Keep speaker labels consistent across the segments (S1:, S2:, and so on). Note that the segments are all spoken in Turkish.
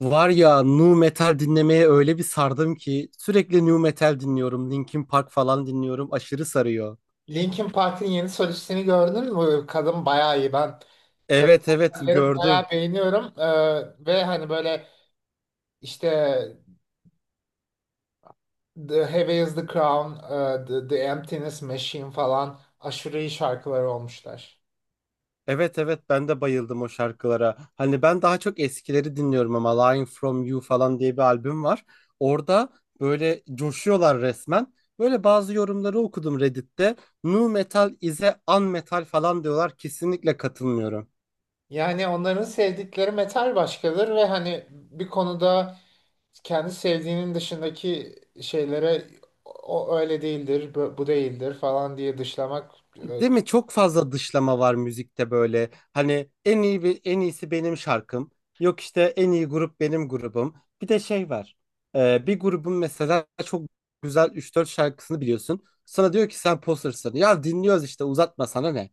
S1: Var ya nu metal dinlemeye öyle bir sardım ki sürekli nu metal dinliyorum. Linkin Park falan dinliyorum. Aşırı sarıyor.
S2: Linkin Park'ın yeni solistini gördün mü? Kadın bayağı iyi. Ben kadın
S1: Evet, evet,
S2: vokalleri bayağı
S1: gördüm.
S2: beğeniyorum. Ve hani böyle işte The Heavy is the Crown, The Emptiness Machine falan aşırı iyi şarkıları olmuşlar.
S1: Evet, evet, ben de bayıldım o şarkılara. Hani ben daha çok eskileri dinliyorum ama Lying From You falan diye bir albüm var. Orada böyle coşuyorlar resmen. Böyle bazı yorumları okudum Reddit'te. Nu metal is a un metal falan diyorlar. Kesinlikle katılmıyorum.
S2: Yani onların sevdikleri metal başkadır ve hani bir konuda kendi sevdiğinin dışındaki şeylere o o öyle değildir, bu değildir falan diye dışlamak. e,
S1: Değil mi? Çok fazla dışlama var müzikte böyle. Hani en iyisi benim şarkım. Yok işte en iyi grup benim grubum. Bir de şey var. Bir grubun mesela çok güzel üç dört şarkısını biliyorsun. Sana diyor ki sen poser'sın. Ya dinliyoruz işte uzatma sana ne?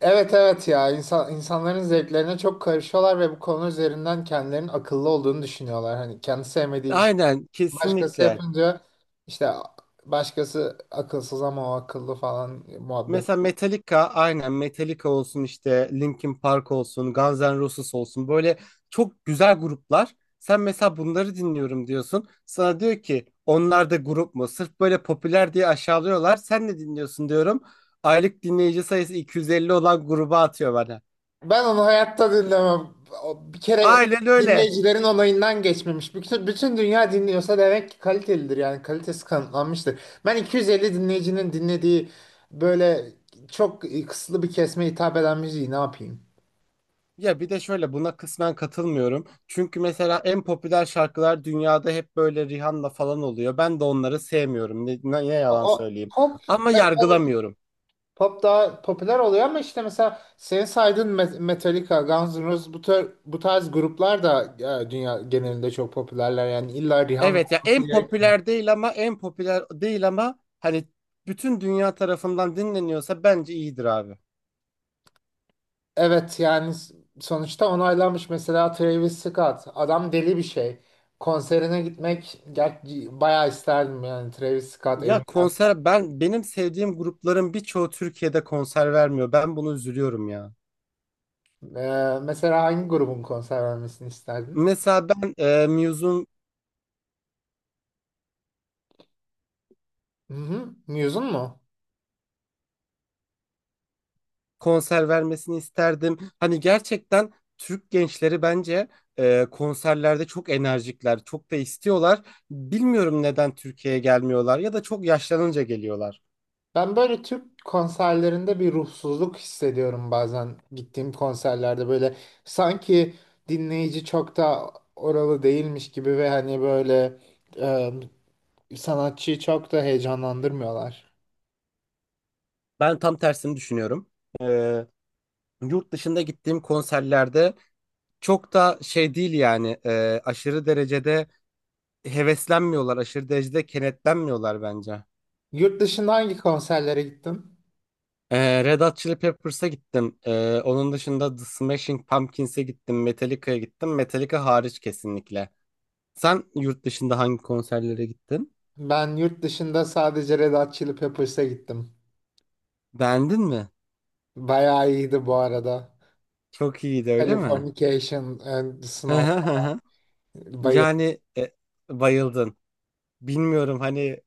S2: Evet evet ya insanların zevklerine çok karışıyorlar ve bu konu üzerinden kendilerinin akıllı olduğunu düşünüyorlar. Hani kendi sevmediği bir şey
S1: Aynen
S2: başkası
S1: kesinlikle.
S2: yapınca işte başkası akılsız ama o akıllı falan muhabbet.
S1: Mesela Metallica aynen Metallica olsun işte Linkin Park olsun Guns N' Roses olsun böyle çok güzel gruplar. Sen mesela bunları dinliyorum diyorsun. Sana diyor ki onlar da grup mu? Sırf böyle popüler diye aşağılıyorlar. Sen ne dinliyorsun diyorum. Aylık dinleyici sayısı 250 olan gruba atıyor bana.
S2: Ben onu hayatta dinlemem. O bir kere
S1: Aynen öyle.
S2: dinleyicilerin onayından geçmemiş. Bütün dünya dinliyorsa demek ki kalitelidir, yani kalitesi kanıtlanmıştır. Ben 250 dinleyicinin dinlediği böyle çok kısıtlı bir kesime hitap eden müziği ne yapayım?
S1: Ya bir de şöyle buna kısmen katılmıyorum. Çünkü mesela en popüler şarkılar dünyada hep böyle Rihanna falan oluyor. Ben de onları sevmiyorum. Ne yalan
S2: O,
S1: söyleyeyim.
S2: Pop,
S1: Ama
S2: tabii
S1: yargılamıyorum.
S2: pop daha popüler oluyor ama işte mesela senin saydığın Metallica, Guns N' Roses, bu tarz gruplar da dünya genelinde çok popülerler. Yani illa Rihanna
S1: Evet ya
S2: olması gerekmiyor.
S1: en popüler değil ama hani bütün dünya tarafından dinleniyorsa bence iyidir abi.
S2: Evet, yani sonuçta onaylanmış, mesela Travis Scott. Adam deli bir şey. Konserine gitmek bayağı isterdim, yani Travis Scott
S1: Ya
S2: emin.
S1: konser benim sevdiğim grupların birçoğu Türkiye'de konser vermiyor. Ben bunu üzülüyorum ya.
S2: E, mesela hangi grubun konser vermesini isterdin?
S1: Mesela ben Muse'un
S2: Hı hı. Muse'un mu?
S1: konser vermesini isterdim. Hani gerçekten Türk gençleri bence konserlerde çok enerjikler, çok da istiyorlar. Bilmiyorum neden Türkiye'ye gelmiyorlar ya da çok yaşlanınca geliyorlar.
S2: Ben böyle Türk konserlerinde bir ruhsuzluk hissediyorum, bazen gittiğim konserlerde böyle sanki dinleyici çok da oralı değilmiş gibi ve hani böyle sanatçıyı çok da heyecanlandırmıyorlar.
S1: Ben tam tersini düşünüyorum. E, Yurt dışında gittiğim konserlerde çok da şey değil yani aşırı derecede heveslenmiyorlar, aşırı derecede kenetlenmiyorlar bence.
S2: Yurt dışında hangi konserlere gittin?
S1: Red Hot Chili Peppers'a gittim. Onun dışında The Smashing Pumpkins'e gittim, Metallica'ya gittim. Metallica hariç kesinlikle. Sen yurt dışında hangi konserlere gittin?
S2: Ben yurt dışında sadece Red Hot Chili Peppers'a gittim.
S1: Beğendin mi?
S2: Bayağı iyiydi bu arada.
S1: Çok iyiydi öyle mi?
S2: Californication and Snow, bayıldım.
S1: Yani bayıldın. Bilmiyorum hani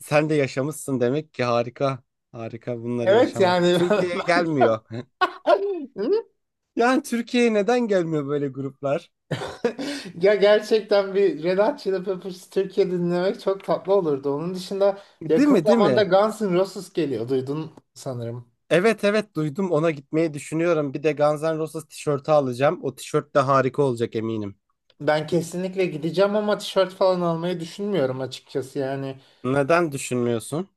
S1: sen de yaşamışsın demek ki harika. Harika bunları
S2: Evet
S1: yaşamak.
S2: yani
S1: Türkiye'ye
S2: ben
S1: gelmiyor. Yani Türkiye'ye neden gelmiyor böyle gruplar?
S2: ya gerçekten bir Red Hot Chili Peppers Türkiye dinlemek çok tatlı olurdu. Onun dışında
S1: Değil
S2: yakın
S1: mi, değil
S2: zamanda
S1: mi?
S2: Guns N' Roses geliyor. Duydun sanırım.
S1: Evet, evet, duydum ona gitmeyi düşünüyorum. Bir de Guns N' Roses tişörtü alacağım. O tişört de harika olacak eminim.
S2: Ben kesinlikle gideceğim ama tişört falan almayı düşünmüyorum açıkçası. Yani
S1: Neden düşünmüyorsun?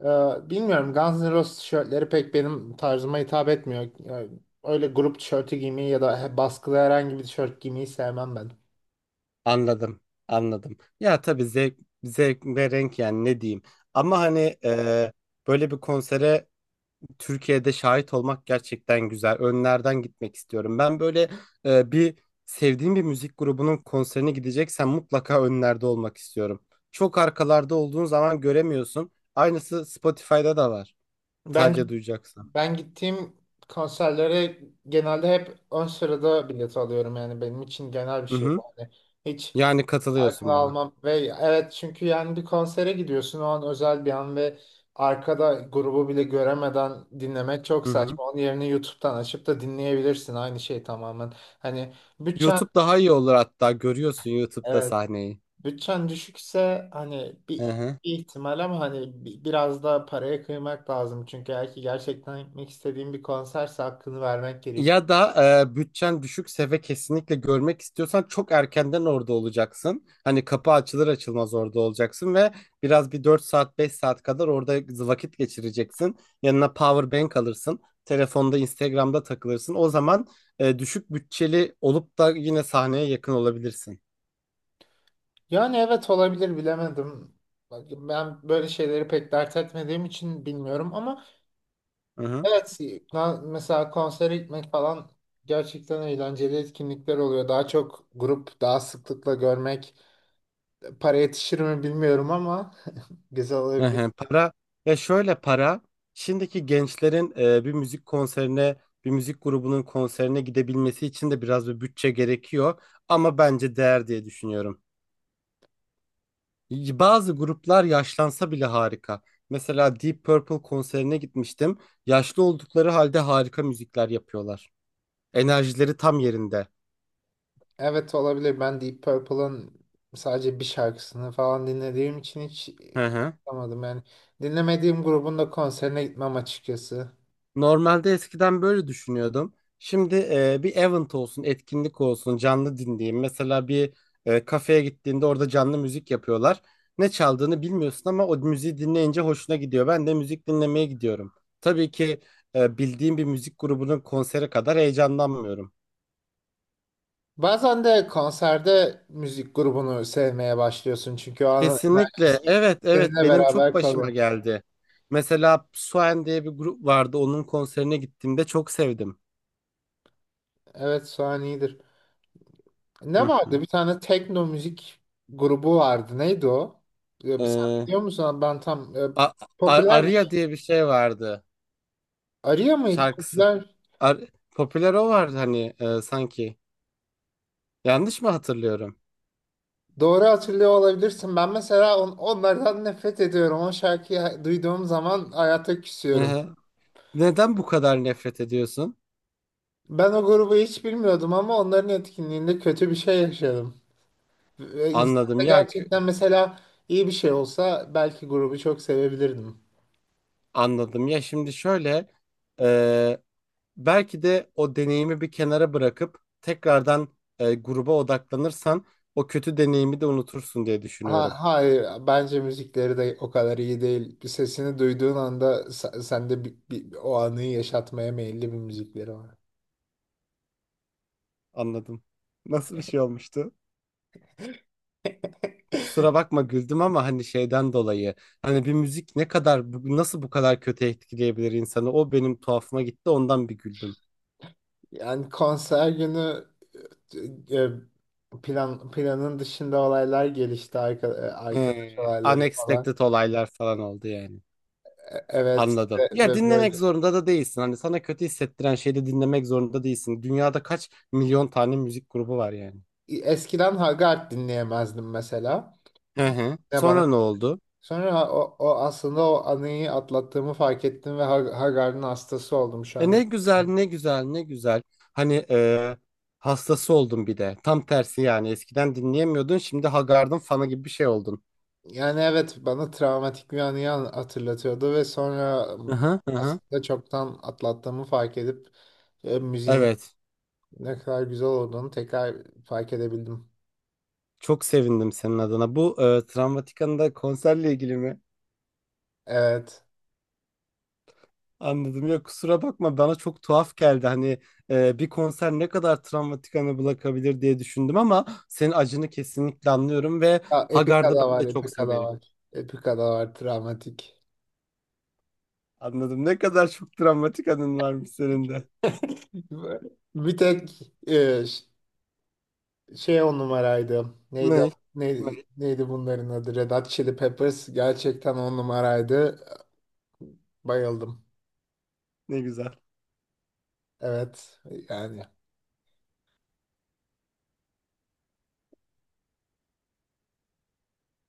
S2: e, bilmiyorum, Guns N' Roses tişörtleri pek benim tarzıma hitap etmiyor. Yani öyle grup tişörtü giymeyi ya da baskılı herhangi bir tişört giymeyi sevmem ben.
S1: Anladım, anladım. Ya tabii zevk ve renk yani ne diyeyim. Ama hani böyle bir konsere Türkiye'de şahit olmak gerçekten güzel. Önlerden gitmek istiyorum. Ben böyle bir sevdiğim bir müzik grubunun konserine gideceksen mutlaka önlerde olmak istiyorum. Çok arkalarda olduğun zaman göremiyorsun. Aynısı Spotify'da da var.
S2: Ben
S1: Sadece duyacaksın.
S2: ben gittiğim konserlere genelde hep ön sırada bilet alıyorum, yani benim için genel bir
S1: Hı
S2: şey bu.
S1: hı.
S2: Yani hiç
S1: Yani
S2: arkada
S1: katılıyorsun bana.
S2: almam ve evet, çünkü yani bir konsere gidiyorsun, o an özel bir an ve arkada grubu bile göremeden dinlemek çok
S1: Hı hı.
S2: saçma, onun yerine YouTube'dan açıp da dinleyebilirsin, aynı şey tamamen. Hani bütçen,
S1: YouTube daha iyi olur hatta. Görüyorsun YouTube'da
S2: evet
S1: sahneyi.
S2: bütçen düşükse hani
S1: Hı
S2: bir
S1: hı.
S2: bir ihtimal, ama hani biraz da paraya kıymak lazım. Çünkü eğer ki gerçekten gitmek istediğim bir konserse hakkını vermek gerek.
S1: Ya da bütçen düşükse ve kesinlikle görmek istiyorsan çok erkenden orada olacaksın. Hani kapı açılır açılmaz orada olacaksın ve biraz bir 4 saat 5 saat kadar orada vakit geçireceksin. Yanına power bank alırsın. Telefonda Instagram'da takılırsın. O zaman düşük bütçeli olup da yine sahneye yakın olabilirsin.
S2: Yani evet, olabilir, bilemedim. Ben böyle şeyleri pek dert etmediğim için bilmiyorum ama evet, mesela konsere gitmek falan gerçekten eğlenceli etkinlikler oluyor. Daha çok grup daha sıklıkla görmek, para yetişir mi bilmiyorum ama güzel
S1: Hı
S2: olabilir.
S1: hı, para ya şöyle para şimdiki gençlerin bir müzik grubunun konserine gidebilmesi için de biraz bir bütçe gerekiyor ama bence değer diye düşünüyorum. Bazı gruplar yaşlansa bile harika. Mesela Deep Purple konserine gitmiştim. Yaşlı oldukları halde harika müzikler yapıyorlar. Enerjileri tam yerinde.
S2: Evet olabilir. Ben Deep Purple'ın sadece bir şarkısını falan dinlediğim için hiç
S1: Hı hı.
S2: anlamadım. Yani dinlemediğim grubun da konserine gitmem açıkçası.
S1: Normalde eskiden böyle düşünüyordum. Şimdi bir event olsun, etkinlik olsun, canlı dinleyeyim. Mesela bir kafeye gittiğinde orada canlı müzik yapıyorlar. Ne çaldığını bilmiyorsun ama o müziği dinleyince hoşuna gidiyor. Ben de müzik dinlemeye gidiyorum. Tabii ki bildiğim bir müzik grubunun konseri kadar heyecanlanmıyorum.
S2: Bazen de konserde müzik grubunu sevmeye başlıyorsun, çünkü o anın enerjisi
S1: Kesinlikle. Evet, evet
S2: seninle
S1: benim çok
S2: beraber
S1: başıma
S2: kalıyor.
S1: geldi. Mesela Suen diye bir grup vardı. Onun konserine gittiğimde çok sevdim.
S2: Evet, Suhan iyidir. Ne
S1: Hı
S2: vardı? Bir tane tekno müzik grubu vardı. Neydi o? Sen
S1: hı.
S2: biliyor musun? Ben tam
S1: A
S2: popüler bir şey.
S1: Aria diye bir şey vardı
S2: Arya mıydı?
S1: şarkısı.
S2: Popüler.
S1: Ar- Popüler o vardı hani sanki. Yanlış mı hatırlıyorum?
S2: Doğru hatırlıyor olabilirsin. Ben mesela onlardan nefret ediyorum. O şarkıyı duyduğum zaman hayata küsüyorum.
S1: Hı. Neden bu kadar nefret ediyorsun?
S2: Ben o grubu hiç bilmiyordum ama onların etkinliğinde kötü bir şey yaşadım. Ve İnsanda
S1: Anladım ya kü-
S2: gerçekten, mesela iyi bir şey olsa belki grubu çok sevebilirdim.
S1: Anladım ya şimdi şöyle e, belki de o deneyimi bir kenara bırakıp tekrardan gruba odaklanırsan o kötü deneyimi de unutursun diye
S2: Ha,
S1: düşünüyorum.
S2: hayır, bence müzikleri de o kadar iyi değil. Bir sesini duyduğun anda sende o anıyı yaşatmaya meyilli bir müzikleri var.
S1: Anladım. Nasıl bir şey olmuştu? Kusura bakma güldüm ama hani şeyden dolayı hani bir müzik ne kadar nasıl bu kadar kötü etkileyebilir insanı o benim tuhafıma gitti ondan bir güldüm.
S2: Yani konser günü e, e, planın dışında olaylar gelişti, arkadaş olayları falan.
S1: Unexpected olaylar falan oldu yani.
S2: Evet
S1: Anladım. Ya
S2: ve
S1: dinlemek
S2: böyle
S1: zorunda da değilsin. Hani sana kötü hissettiren şeyi de dinlemek zorunda değilsin. Dünyada kaç milyon tane müzik grubu var yani.
S2: Eskiden Hagard dinleyemezdim mesela.
S1: Hı hı.
S2: Ne bana
S1: Sonra ne oldu?
S2: sonra o aslında o anıyı atlattığımı fark ettim ve Hagard'ın hastası oldum şu
S1: E
S2: an.
S1: ne güzel, ne güzel, ne güzel. Hani hastası oldun bir de. Tam tersi yani. Eskiden dinleyemiyordun, şimdi Haggard'ın fanı gibi bir şey oldun.
S2: Yani evet, bana travmatik bir anıyı hatırlatıyordu ve sonra
S1: Aha, aha.
S2: aslında çoktan atlattığımı fark edip müziğin
S1: Evet.
S2: ne kadar güzel olduğunu tekrar fark edebildim.
S1: Çok sevindim senin adına. Bu Travmatika'nda konserle ilgili mi?
S2: Evet.
S1: Anladım. Ya kusura bakma bana çok tuhaf geldi. Hani bir konser ne kadar Travmatika'nı bırakabilir diye düşündüm ama senin acını kesinlikle anlıyorum ve
S2: Ya, Epika
S1: Hagar'da
S2: da
S1: ben
S2: var,
S1: de çok
S2: Epika da
S1: severim.
S2: var. Epika da var, travmatik.
S1: Anladım. Ne kadar çok Travmatika'nın varmış senin de.
S2: Bir tek e, ş- şey on numaraydı. Neydi,
S1: Ne? Ne?
S2: neydi bunların adı? Red Hot Chili Peppers gerçekten on numaraydı. Bayıldım.
S1: Ne güzel.
S2: Evet, yani.